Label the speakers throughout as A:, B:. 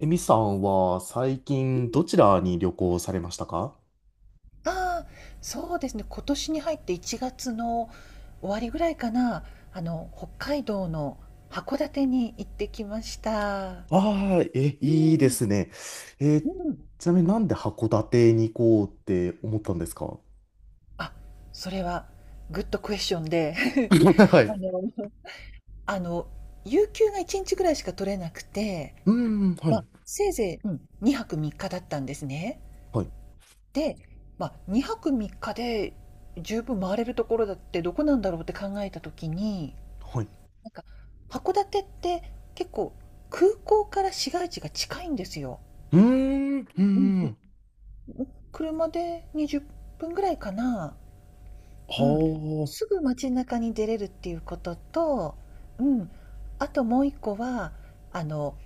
A: えみさんは最
B: う
A: 近
B: ん、
A: どちらに旅行されましたか？
B: ああ、そうですね。今年に入って1月の終わりぐらいかな、北海道の函館に行ってきました。
A: ああー、え、
B: う
A: いいで
B: ん、
A: すね。えー
B: うん。
A: ちなみになんで函館に行こうって思ったんですか？
B: あ、それはグッドクエスチョンで
A: は
B: あ
A: い。
B: の、あの、有給が1日ぐらいしか取れなくて、
A: うーん、は
B: ま
A: い、
B: あ、せいぜい、うん、2泊3日だったんですね。
A: はい、
B: で、まあ、2泊3日で十分回れるところだってどこなんだろうって考えた時に、
A: はい。
B: なんか函館って結構空港から市街地が近いんですよ。
A: うーん、うー
B: うんうん。
A: ん。
B: 車で20分ぐらいかな。うん。
A: は
B: すぐ街中に出れるっていうことと、うん。あともう一個は、あの、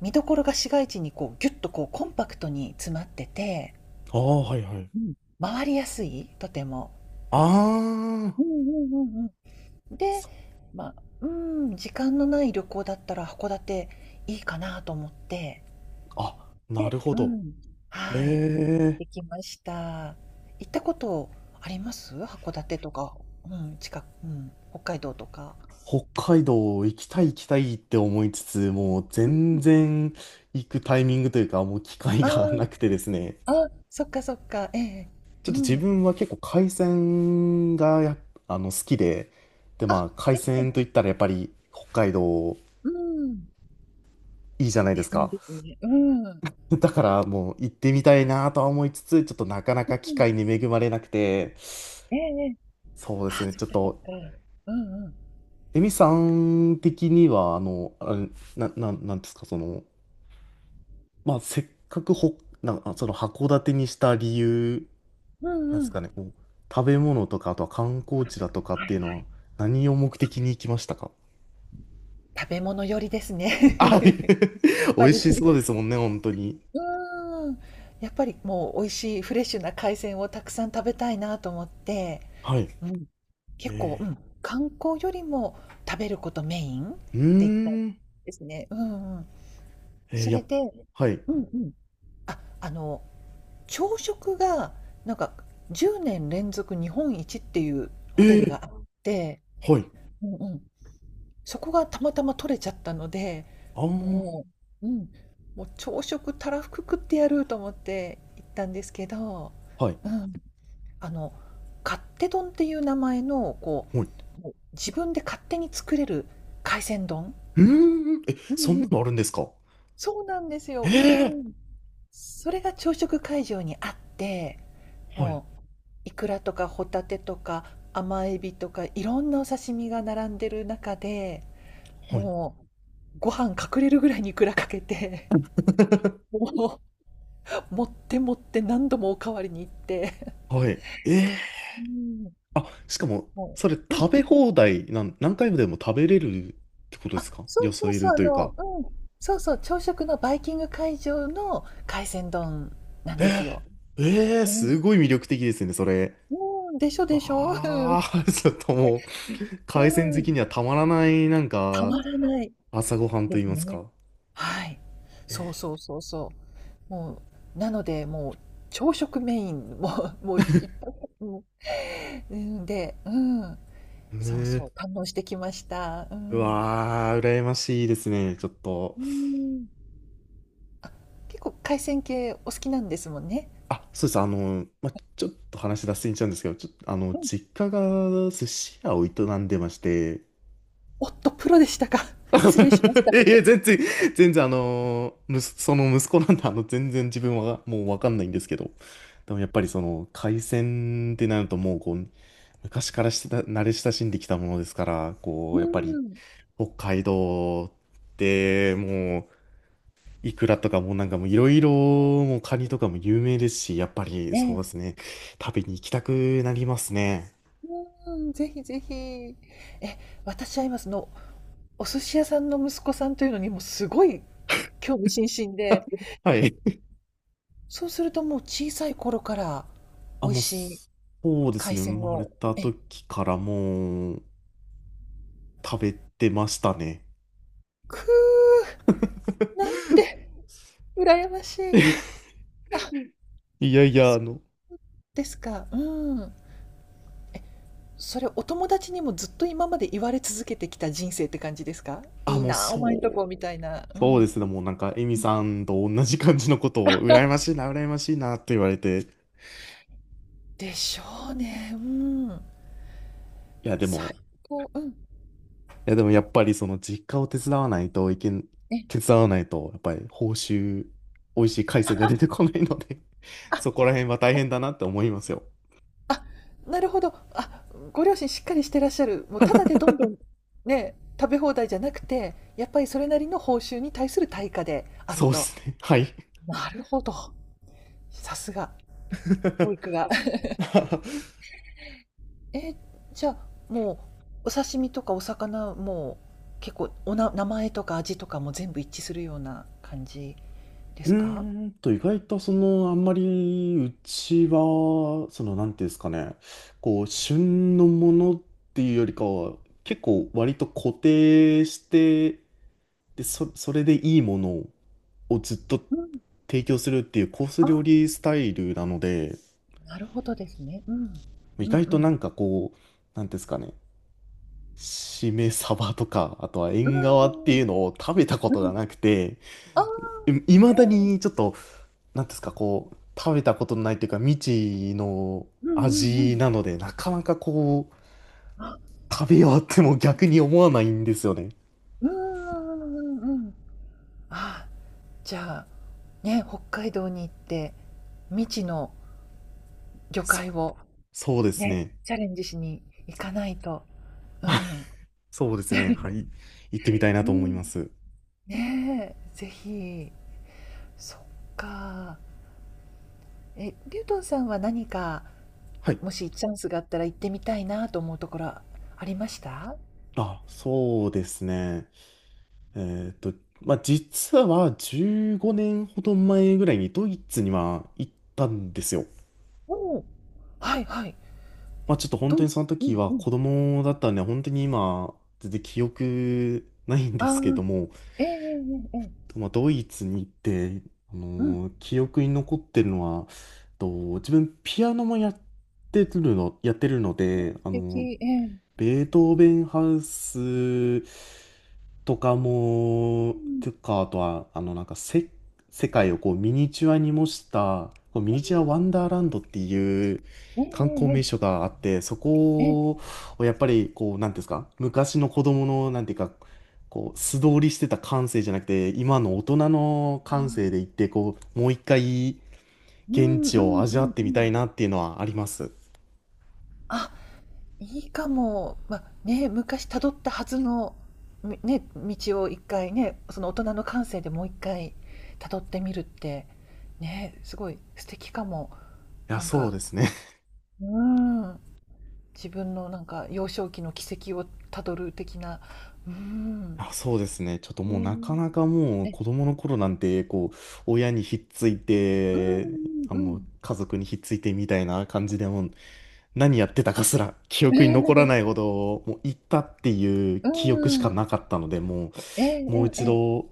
B: 見どころが市街地にこうギュッとこうコンパクトに詰まってて、
A: あ、ああ、はい、はい。
B: うん。回りやすい、とても。
A: あ
B: う
A: あ、
B: んうんうんうん。で、
A: そ
B: まあ、うん、時間のない旅行だったら函館いいかなと思って、
A: あ、な
B: で、
A: るほ
B: う
A: ど。
B: ん。
A: え
B: はい、
A: え、
B: できました。行ったことあります？函館とか、うん、近く、うん、北海道とか。
A: 北海道行きたい行きたいって思いつつ、もう
B: う
A: 全
B: ん。
A: 然行くタイミングというか、もう機会がな
B: あ
A: くてですね。
B: あ、あ、そっかそっか、ええ、
A: ちょ
B: う
A: っと自
B: ん。
A: 分は結構海鮮がやっ好きで、で、ま
B: あ、
A: あ、海
B: え
A: 鮮
B: え、
A: といったらやっぱり北海道
B: うん。
A: いいじゃないで
B: で
A: す
B: すね
A: か。
B: ですね。うん。うん。
A: だからもう行ってみたいなとは思いつつ、ちょっとなかなか機会に恵まれなくて、
B: ええええ。
A: そうです
B: あ、
A: ね、
B: そ
A: ち
B: っ
A: ょっ
B: かそっ
A: と、
B: か。うんうん。
A: エミさん的には、あれなんですか、まあ、せっかくほ、な、あその函館にした理由、
B: うん
A: なん
B: う
A: です
B: ん。
A: かね、こう、食べ物とか、あとは観光地だとかっ
B: はい
A: て
B: は
A: いうの
B: い。
A: は、何を目的に行きましたか？
B: 食べ物寄りです
A: あ、
B: ね。やっ
A: 美
B: ぱ
A: 味
B: り。う
A: しそうですもんね、本当に。
B: ーん。やっぱりもう美味しいフレッシュな海鮮をたくさん食べたいなと思って、
A: はい。
B: うん。結構、う
A: え
B: ん、観光よりも食べることメインっ
A: ー、う
B: て言ったん
A: ーん。
B: ですね。うんうん。
A: えー、
B: そ
A: や
B: れ
A: っ、
B: で、
A: はい。
B: うんうん。あ、朝食が、なんか10年連続日本一っていう
A: え
B: ホテル
A: ー、
B: があって、
A: はい。
B: うんうん。そこがたまたま取れちゃったので、
A: あー、
B: もう、うん、もう朝食たらふく食ってやると思って行ったんですけど、
A: はい。
B: うん。あの、勝手丼っていう名前の、こ
A: はい。
B: う、もう自分で勝手に作れる海鮮丼。
A: うーん。え、
B: う
A: そん
B: ん
A: な
B: う
A: のある
B: ん。
A: んですか？
B: そうなんですよ。うー
A: え
B: ん。それが朝食会場にあって、
A: ー、はい。
B: もうイクラとかホタテとか甘エビとかいろんなお刺身が並んでる中で、
A: はい。
B: もうご飯隠れるぐらいにいくらかけて、もう持って持って何度もおかわりに行って。
A: はい。え
B: うん。
A: ー、あ、しかも、
B: も
A: それ
B: う、うん、
A: 食べ放題なん、何回もでも食べれるってことで
B: あ、
A: すか？
B: そう
A: よ
B: そ
A: そ
B: う
A: い
B: そう、
A: るというか。
B: うん、そうそう、朝食のバイキング会場の海鮮丼なんで
A: え
B: すよ。
A: ー、えー、
B: うん。
A: すごい魅力的ですね、それ。
B: うん、でしょでしょ。うん。
A: わあ、ちょっともう、
B: う
A: 海鮮好き
B: ん。
A: にはたまらない、なん
B: たま
A: か、
B: らない
A: 朝ごはんと
B: で
A: 言
B: す
A: います
B: ね。
A: か。
B: はい。そうそうそうそう。もう、なので、もう朝食メイン、もう もういっぱい、うん、で、うん、
A: へ
B: そう
A: え。
B: そう、堪能してきました。う
A: う
B: ん。
A: わー、羨ましいですね、ちょっと。
B: うん。結構海鮮系お好きなんですもんね。
A: あ、そうです、ま、ちょっと話脱線しちゃうんですけど、ちょっと、
B: うん。
A: 実家が寿司屋を営んでまして、
B: おっと、プロでしたか。失礼しまし
A: い
B: た。
A: やいや、全然、全然、その息子なんで、全然自分はもうわかんないんですけど、でもやっぱりその、海鮮ってなるともう、こう、昔からしてた、慣れ親しんできたものですから、こ
B: う
A: う、やっぱり、
B: ーん。
A: 北海道ってもうイクラとかもうなんかもういろいろもうカニとかも有名ですし、やっぱり
B: え
A: そうで
B: え。
A: すね、食べに行きたくなりますね。
B: うーん、ぜひぜひ。え、私は今そのお寿司屋さんの息子さんというのにもすごい興味津々で、
A: はい。
B: そうするともう小さい頃から
A: あ、
B: 美味
A: もう
B: しい
A: そうです
B: 海
A: ね、
B: 鮮
A: 生まれ
B: を、
A: た
B: え、
A: 時からもう食べてましたね。
B: くう、なんて羨ましい。あ、
A: いやいや、
B: そうですか。うん。それお友達にもずっと今まで言われ続けてきた人生って感じですか？
A: あ、
B: いい
A: もう
B: なあ、お前んと
A: そ
B: こ
A: う、
B: みたいな。う
A: そうで
B: ん。
A: すね、もうなんかエミさんと同じ感じのことを羨まし いな、羨ましいなって言われて、い
B: でしょうね。うん。
A: やで
B: 最
A: も、
B: 高。うん。
A: いや、でもやっぱりその実家を手伝わないといけん、
B: ね。
A: 手伝わないと、やっぱり報酬、美味しい海鮮が出てこないので
B: あ、
A: そこら辺は大変だなって思いますよ。
B: あ、なるほど。あ、ご両親しっかりしてらっしゃる。もうただでどんどんね、食べ放題じゃなくて、やっぱりそれなりの報酬に対する対価である
A: そうで
B: と。
A: すね。はい。
B: なるほど。さすが、教育が。え、じゃあ、もう、お刺身とかお魚も結構名前とか味とかも全部一致するような感じで
A: う
B: すか？
A: ーんと、意外とその、あんまり、うちは、その、なんていうんですかね、こう、旬のものっていうよりかは、結構割と固定して、それでいいものをずっと
B: うん。
A: 提供するっていうコース
B: あ、
A: 料理スタイルなので、
B: なるほどですね。うん。
A: 意
B: うん
A: 外
B: う
A: とな
B: ん。
A: んかこう、なんていうんですかね、しめ鯖とか、あとは
B: う
A: 縁側っ
B: ー
A: て
B: ん。
A: いうのを食べたこ
B: う
A: とが
B: ん。
A: なくて、
B: ああ。
A: いまだにちょっと、なんていうんですか、こう、食べたことのないというか、未知の
B: うんうんうん。
A: 味なので、なかなかこ
B: あ、
A: う、食べようっても逆に思わないんですよね。
B: うんうんうんうんうん。あ、じゃあ、ね、北海道に行って、未知の魚
A: そう、
B: 介を
A: そうです
B: ね、
A: ね。
B: チャレンジしに行かないと。うん。
A: そうですね。はい。行ってみたいな
B: う
A: と思い
B: ん。
A: ます。
B: ねえ、ぜひ。そっか。え、リュウトンさんは何か、
A: はい。
B: もしチャンスがあったら行ってみたいなと思うところありました？
A: あ、そうですね。えーっと、まあ、実は15年ほど前ぐらいにドイツには行ったんですよ。
B: おおー。はいはい。
A: まあ、ちょっと本
B: ど
A: 当
B: う
A: に
B: い、
A: その
B: う
A: 時
B: ん
A: は
B: うん。
A: 子供だったんでね、本当に今、全然記憶ないんで
B: ああ、
A: すけども、
B: ええええええ。
A: まあ、ドイツに行って、
B: うん。
A: 記憶に残ってるのは、と自分ピアノもやってるの
B: ね
A: で、
B: 素敵、ええ。
A: ベートーベンハウスとか
B: う
A: も、
B: ん、
A: とか、あとは、あの、なんかせ、世界をこうミニチュアに模した、こうミニチュアワンダーランドっていう
B: え
A: 観光名
B: ええ
A: 所があって、そ
B: え、ええ。
A: こをやっぱり、こう、なんていうんですか、昔の子供の、なんていうか、こう、素通りしてた感性じゃなくて、今の大人の感性で行って、こう、もう一回
B: う
A: 現
B: んうん
A: 地
B: う
A: を味わっ
B: ん
A: て
B: う
A: みたい
B: ん。
A: なっていうのはあります。い
B: あ、いいかも。まあ、ね、昔たどったはずの、道を一回ね、その大人の感性でもう一回たどってみるって、ね、すごい素敵かも。
A: や、
B: なん
A: そう
B: か、
A: ですね。
B: うん、自分のなんか幼少期の軌跡をたどる的な、うん。
A: あ、そうですね。ちょっともうなかな
B: え
A: かもう
B: え、え、
A: 子供の頃なんて、こう、親にひっつい
B: うんう
A: て、
B: んうん。
A: 家族にひっついてみたいな感じでもう、何やってたかすら記憶に残らないほ ど、もう行ったっていう
B: う
A: 記憶しか
B: ん、
A: なかったので、も
B: えええ
A: う、もう
B: え
A: 一
B: ええ。
A: 度、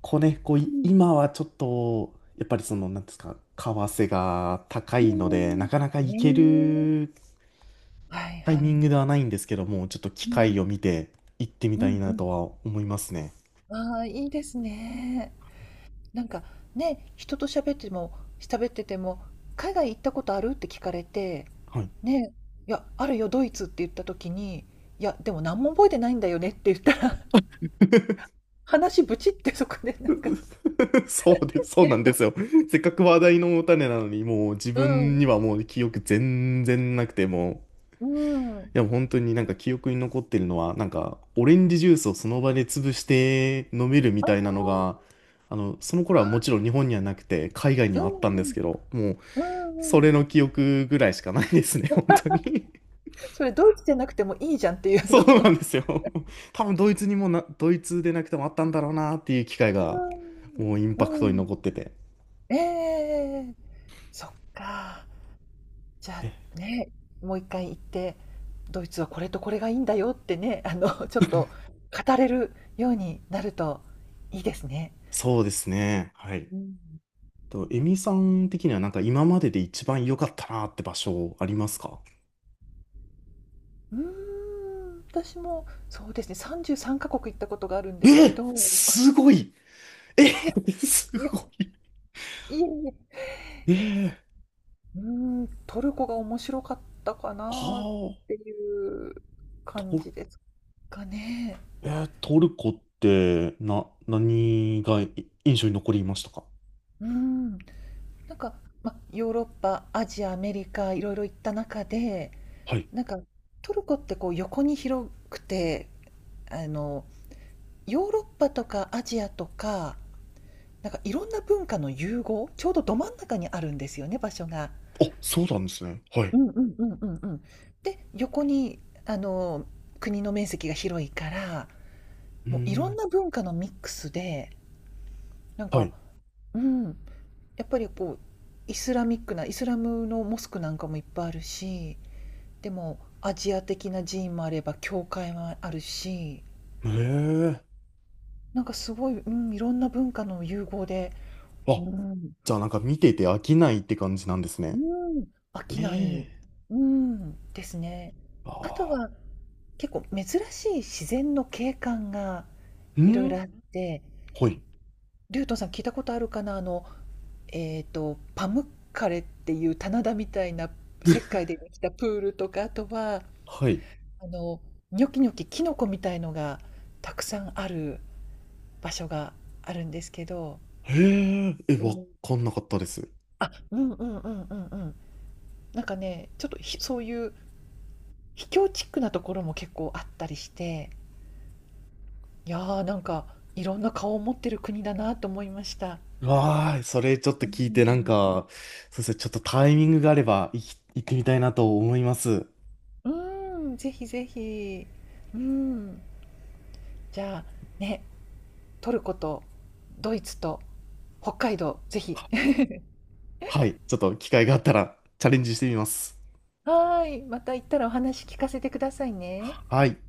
A: こうね、こう、
B: うん。
A: 今はちょっと、やっぱりその、なんですか、為替が高
B: うん
A: いの
B: う
A: で、
B: んん
A: なかなか行け
B: ねえ。
A: る
B: はい
A: タイ
B: は
A: ミン
B: い。
A: グではないんですけども、ちょっと機
B: うん。
A: 会を見て行ってみ
B: う
A: たい
B: んう
A: なと
B: ん。
A: は思いますね。
B: ああ、いいですね。なんか、ね、人と喋ってても、「海外行ったことある？」って聞かれて、
A: はい。
B: ね、「いや、あるよ、ドイツ」って言った時に、「いや、でも何も覚えてないんだよね」って言ったら、話ブチってそこでなんか、
A: そうです、そうな
B: ね、
A: んですよ。せっかく話題のお種なのに、もう自分にはもう記憶全然なくて、もう、
B: うん、うん。
A: いや本当になんか記憶に残ってるのは、なんかオレンジジュースをその場で潰して飲めるみ
B: ああ、
A: たいなのが、その頃はもちろ
B: あ
A: ん日本にはなくて、海外に
B: あ、う
A: は
B: ん
A: あったんで
B: う
A: す
B: ん、
A: けど、もう、
B: うんう
A: そ
B: ん。
A: れの記憶ぐらいしかないですね、本当に。
B: それドイツじゃなくてもいいじゃんっていうあ
A: そ
B: の。
A: うなんですよ。多分ドイツでなくてもあったんだろうなっていう機会
B: う
A: が、もうイン
B: ー
A: パク
B: ん、う
A: トに
B: ん。
A: 残ってて。
B: ええ、そっか。じゃあ、ね、もう一回行って、ドイツはこれとこれがいいんだよってね、ちょっと語れるようになるといいですね。
A: そうですね。はい。
B: うん。い
A: エ
B: や、
A: ミさん的にはなんか今までで一番良かったなって場所ありますか？
B: うーん、私もそうですね、33カ国行ったことがあるんですけ
A: え
B: ど、
A: すごい、え、
B: いや、
A: す
B: いや、
A: ご
B: い
A: い、
B: えいえ、
A: え、
B: うーん、トルコが面白かったか
A: あ
B: な
A: あー、
B: っていう感
A: ト、
B: じですかね。
A: えートルコって何が印象に残りましたか？
B: うん。なんか、ま、ヨーロッパ、アジア、アメリカ、いろいろ行った中で、
A: はい。
B: なんか、トルコってこう横に広くて、あの、ヨーロッパとかアジアとか、なんかいろんな文化の融合、ちょうどど真ん中にあるんですよね、場所が。
A: あ、そうなんですね。は
B: う
A: い。
B: んうんうんうんうん。で、横に、あの、国の面積が広いから、
A: うー
B: もういろん
A: ん。
B: な文化のミックスで、なん
A: は
B: か、
A: い。
B: うん、やっぱりこう、イスラミックな、イスラムのモスクなんかもいっぱいあるし、でもアジア的な寺院もあれば教会もあるし、
A: ええ、
B: なんかすごい、うん、いろんな文化の融合で、う
A: あ、
B: ん、
A: じゃあなんか見てて飽きないって感じなんですね。
B: うん、飽きない、
A: ええ、
B: うん、ですね。あと
A: ああ
B: は結構珍しい自然の景観が
A: ー。う
B: いろいろ
A: ん、
B: あって、
A: はい。
B: リュウトンさん聞いたことあるかな。パムッカレっていう棚田みたいな石 灰でできたプールとか、あとは
A: はい。
B: あのニョキニョキキノコみたいのがたくさんある。場所があるんですけど、
A: へえ、え、
B: う
A: わ
B: ん。
A: かんなかったです。
B: あ、うんうんうんうんうん。なんかね、ちょっと、そういう秘境チックなところも結構あったりして、いや、ーなんかいろんな顔を持ってる国だなと思いました。
A: わーい、それちょっ
B: う
A: と
B: ー
A: 聞いて、なん
B: ん。
A: か、そうですね、ちょっとタイミングがあれば、行ってみたいなと思います。
B: うん、ぜひぜひ。うん。じゃあ、ね、トルコとドイツと北海道、ぜひ。
A: はい、ちょっと機会があったらチャレンジしてみます。
B: はーい、また行ったらお話聞かせてくださいね。
A: はい。